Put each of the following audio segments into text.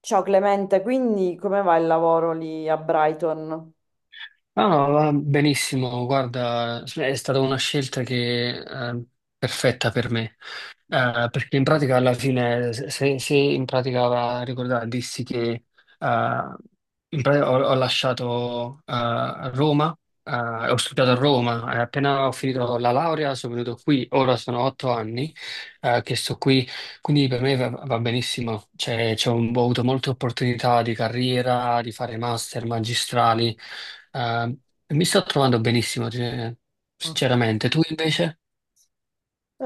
Ciao Clemente, quindi come va il lavoro lì a Brighton? No, no, va benissimo, guarda, cioè, è stata una scelta che perfetta per me. Perché in pratica alla fine, se in pratica va a ricordare, dissi che in pratica ho lasciato Roma, ho studiato a Roma, e appena ho finito la laurea sono venuto qui, ora sono otto anni che sto qui, quindi per me va benissimo, cioè, ho avuto molte opportunità di carriera, di fare master, magistrali, eh, e mi sto trovando benissimo, cioè, Ah. sinceramente. Tu invece? Eh,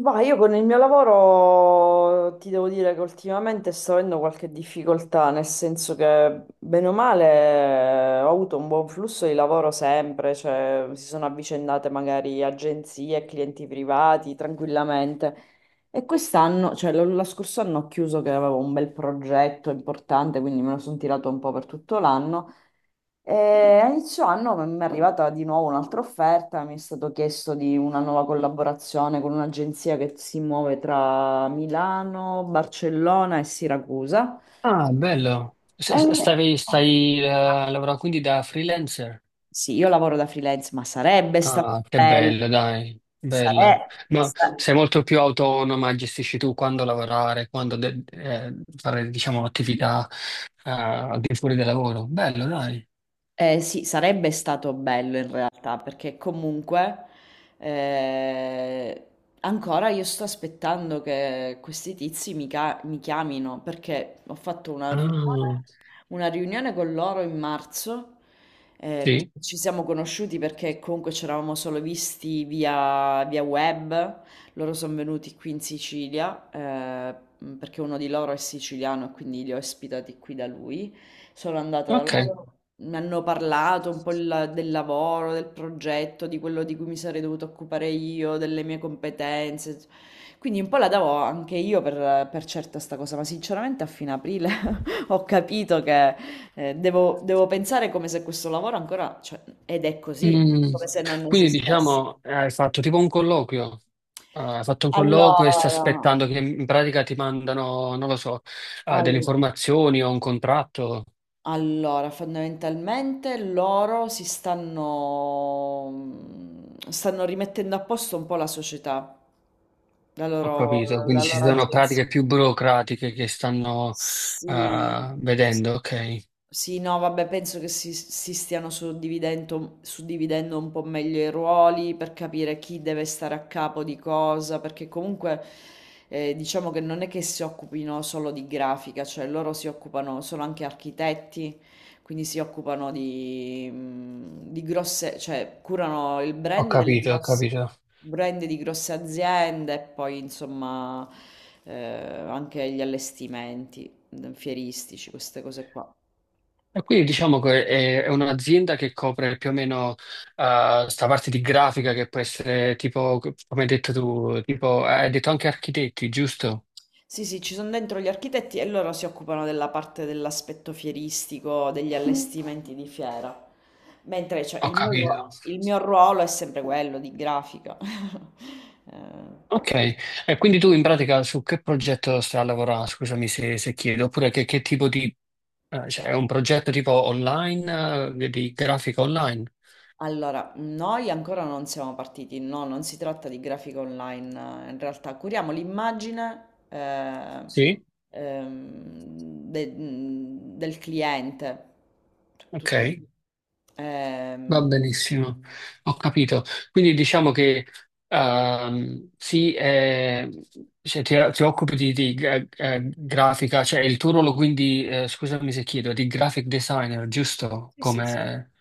Va, io con il mio lavoro ti devo dire che ultimamente sto avendo qualche difficoltà, nel senso che bene o male ho avuto un buon flusso di lavoro sempre, cioè si sono avvicendate magari agenzie, clienti privati tranquillamente. E quest'anno, cioè lo scorso anno ho chiuso che avevo un bel progetto importante, quindi me lo sono tirato un po' per tutto l'anno. E a inizio anno mi è arrivata di nuovo un'altra offerta, mi è stato chiesto di una nuova collaborazione con un'agenzia che si muove tra Milano, Barcellona e Siracusa. Ah, bello, E- stai lavorando quindi da freelancer? Sì, io lavoro da freelance, ma sarebbe stato Ah, che bello. bello, dai, bello. Sarebbe. Ma sei molto più autonoma, gestisci tu quando lavorare, fare, diciamo, attività al di fuori del lavoro. Bello, dai. Sì, sarebbe stato bello in realtà, perché comunque eh, ancora io sto aspettando che questi tizi mi, mi chiamino, perché ho fatto Ah, una riunione con loro in marzo, quindi sì. ci siamo conosciuti perché comunque ci eravamo solo visti via web, loro sono venuti qui in Sicilia, perché uno di loro è siciliano e quindi li ho ospitati qui da lui, sono andata da Ok. loro. Mi hanno parlato un po' del lavoro, del progetto, di quello di cui mi sarei dovuta occupare io, delle mie competenze. Quindi un po' la davo anche io per certa sta cosa, ma sinceramente a fine aprile ho capito che devo pensare come se questo lavoro ancora, cioè, ed è così, Mm. come se non Quindi esistesse. diciamo, hai fatto tipo un colloquio. Ah, hai fatto un colloquio e stai Allora, aspettando che in pratica ti mandano, non lo so, ah, delle all- informazioni o un contratto. allora, fondamentalmente loro si stanno, stanno rimettendo a posto un po' la società, la Ho loro, capito, quindi la ci loro sono agenzia. pratiche più burocratiche che stanno Sì. ah, vedendo, ok, Sì, no, vabbè, penso che si stiano suddividendo un po' meglio i ruoli per capire chi deve stare a capo di cosa, perché comunque diciamo che non è che si occupino solo di grafica, cioè loro si occupano, sono anche architetti, quindi si occupano di grosse, cioè curano il ho brand delle capito, ho grosse, capito. brand di grosse aziende e poi insomma anche gli allestimenti fieristici, queste cose qua. E quindi diciamo che è un'azienda che copre più o meno questa sta parte di grafica che può essere tipo, come hai detto tu, tipo, hai detto anche architetti, giusto? Sì, sì, ci sono dentro gli architetti e loro si occupano della parte dell'aspetto fieristico, degli allestimenti di fiera. Mentre cioè, Ho il mio, capito. Il mio ruolo è sempre quello di grafica. Ok, Eh, e quindi tu in pratica su che progetto stai a lavorare? Scusami se chiedo, oppure che tipo di... cioè è un progetto tipo online, di grafica online? allora, noi ancora non siamo partiti, no, non si tratta di grafica online, in realtà curiamo l'immagine Sì? ehm, de- del cliente. Cioè, Ok, tutto. va ehm, benissimo, ho capito. Quindi diciamo che sì, cioè, ti occupi di grafica, cioè il tuo ruolo quindi, scusami se chiedo, è di graphic designer, giusto? sì, sì, sì. Come...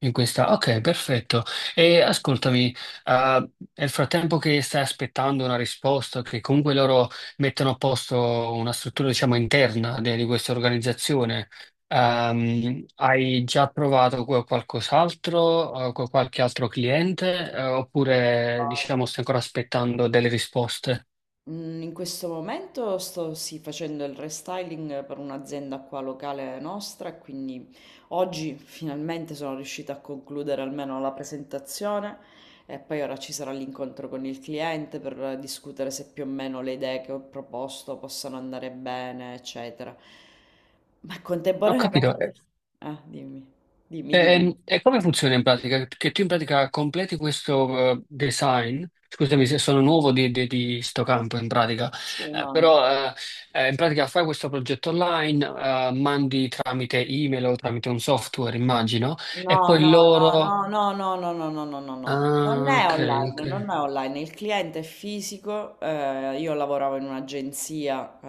In questa, ok, perfetto. E ascoltami, nel frattempo che stai aspettando una risposta, che comunque loro mettono a posto una struttura, diciamo, interna di questa organizzazione, hai già provato qualcos'altro, con qualche altro cliente, oppure, diciamo, stai ancora aspettando delle risposte? In questo momento sto sì, facendo il restyling per un'azienda qua locale nostra, e quindi oggi finalmente sono riuscita a concludere almeno la presentazione e poi ora ci sarà l'incontro con il cliente per discutere se più o meno le idee che ho proposto possano andare bene, eccetera. Ma Ho contemporaneamente... capito. Ah, dimmi, dimmi. E come funziona in pratica? Che tu in pratica completi questo design, scusami se sono nuovo di sto campo in pratica, Sì, eh, no. però eh, eh, in pratica fai questo progetto online, mandi tramite email o tramite un software, immagino, e No, no, poi loro... no, no, no, no, no, no, no, no, no, no. Non Ah, è ok, ok, online, non è online, il cliente è fisico, io lavoravo in un'agenzia,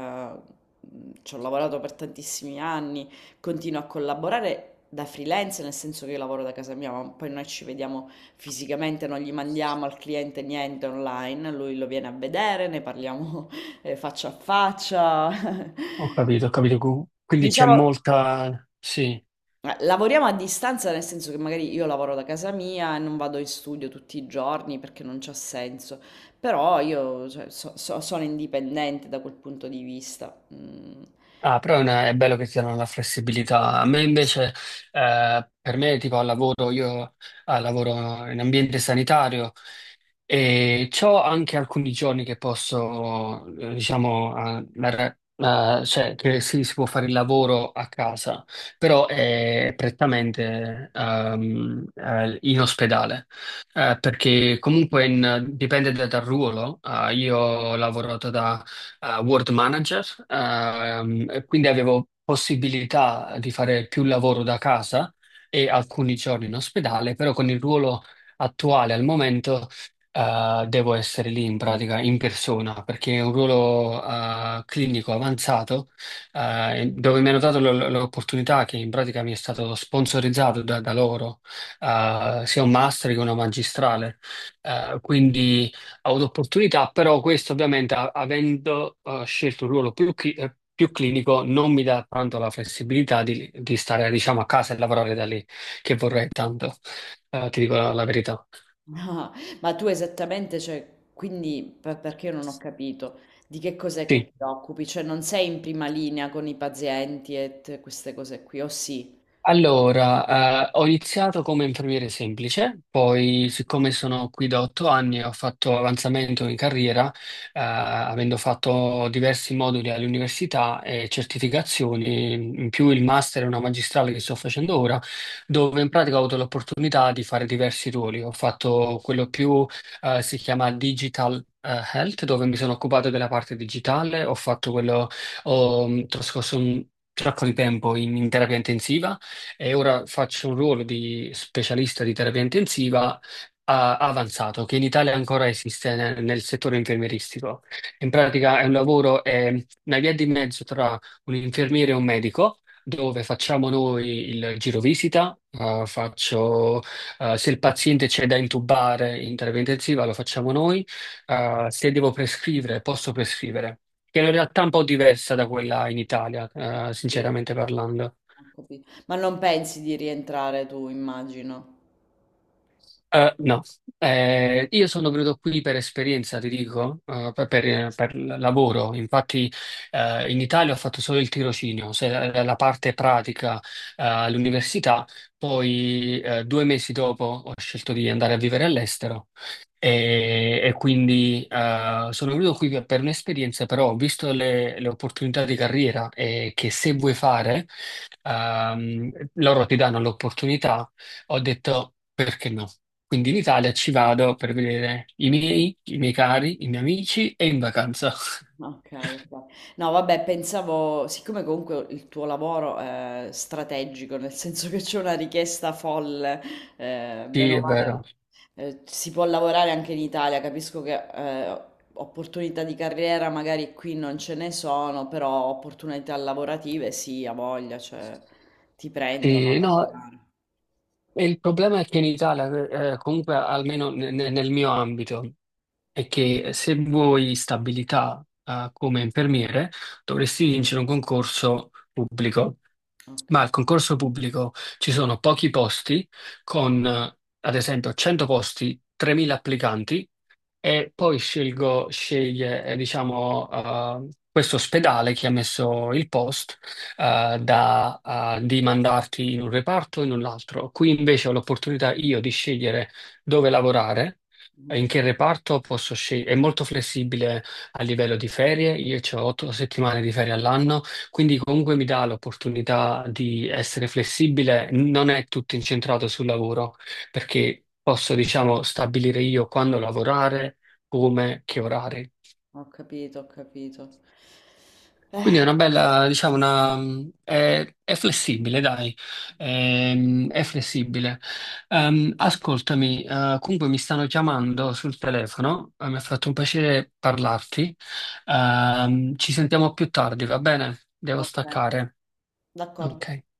ci ho lavorato per tantissimi anni, continuo a collaborare da freelance, nel senso che io lavoro da casa mia, ma poi noi ci vediamo fisicamente, non gli mandiamo al cliente niente online, lui lo viene a vedere, ne parliamo faccia a faccia. ho capito, ho capito. Quindi c'è Diciamo, molta... Sì. Lavoriamo a distanza, nel senso che magari io lavoro da casa mia e non vado in studio tutti i giorni perché non c'ha senso, però io cioè, sono indipendente da quel punto di vista. Mm. Ah, però è, è bello che ti danno la flessibilità. A me invece, per me, tipo al lavoro, io lavoro in ambiente sanitario e ho anche alcuni giorni che posso, diciamo, cioè che sì, si può fare il lavoro a casa, però è prettamente in ospedale. Perché comunque dipende dal ruolo. Ah, io ho lavorato World Manager, e quindi avevo possibilità di fare più lavoro da casa e alcuni giorni in ospedale, però con il ruolo attuale al momento devo essere lì in pratica in persona perché è un ruolo clinico avanzato, dove mi hanno dato l'opportunità che in pratica mi è stato sponsorizzato da loro, sia un master che una magistrale. Quindi avuto opportunità, però questo ovviamente avendo scelto un ruolo più clinico non mi dà tanto la flessibilità di stare diciamo a casa e lavorare da lì, che vorrei tanto. Ti dico la verità. Ah, ma tu esattamente, cioè, quindi perché io non ho capito di che cos'è che Sì. ti occupi, cioè non sei in prima linea con i pazienti e queste cose qui, o sì? Allora, ho iniziato come infermiere semplice, poi siccome sono qui da otto anni ho fatto avanzamento in carriera, avendo fatto diversi moduli all'università e certificazioni, in più il master e una magistrale che sto facendo ora, dove in pratica ho avuto l'opportunità di fare diversi ruoli. Ho fatto quello più, si chiama Digital Health, dove mi sono occupato della parte digitale, ho fatto quello, ho mm, trascorso un sacco di tempo in terapia intensiva, e ora faccio un ruolo di specialista di terapia intensiva avanzato, che in Italia ancora esiste nel settore infermieristico. In pratica è un lavoro, è una via di mezzo tra un infermiere e un medico. Dove facciamo noi il giro visita, faccio, se il paziente c'è da intubare in terapia intensiva lo facciamo noi, se devo prescrivere posso prescrivere, che è una realtà un po' diversa da quella in Italia, Sì. sinceramente parlando. Ho capito. Ma non pensi di rientrare tu, immagino. No. Io sono venuto qui per esperienza, ti dico, per lavoro. Infatti, in Italia ho fatto solo il tirocinio, la parte pratica, all'università. Poi, due mesi dopo ho scelto di andare a vivere all'estero e quindi, sono venuto qui per un'esperienza, però ho visto le opportunità di carriera e che se vuoi fare, ehm, loro ti danno l'opportunità, ho detto perché no? Quindi in Italia ci vado per vedere i miei cari, i miei amici e in vacanza. Okay, okay. No, vabbè, pensavo, siccome comunque il tuo lavoro è strategico, nel senso che c'è una richiesta folle, bene Sì, o è male, vero. Si può lavorare anche in Italia, capisco che opportunità di carriera magari qui non ce ne sono, però opportunità lavorative sì, a voglia, cioè ti prendono a Sì, no, lavorare. e il problema è che in Italia, comunque almeno nel mio ambito, è che se vuoi stabilità, come infermiere, dovresti vincere un concorso pubblico. Ok, Ma al concorso pubblico ci sono pochi posti, con ad esempio 100 posti, 3.000 applicanti, e poi sceglie, diciamo, questo ospedale che ha messo il post, eh, da, di mandarti in un reparto o in un altro. Qui invece ho l'opportunità io di scegliere dove lavorare. Eh, mhm, in che reparto posso scegliere? È molto flessibile a livello di ferie, io ho otto settimane di ferie all'anno, quindi comunque mi dà l'opportunità di essere flessibile, non è tutto incentrato sul lavoro perché posso, diciamo, stabilire io quando lavorare, come, che orari. ho capito, ho capito. Quindi è una No, bella, diciamo, una, è flessibile, dai. È flessibile. Ascoltami, comunque mi stanno chiamando sul telefono, mi ha fatto un piacere parlarti. Ci sentiamo più tardi, va bene? Devo ok, staccare. d'accordo. Ok.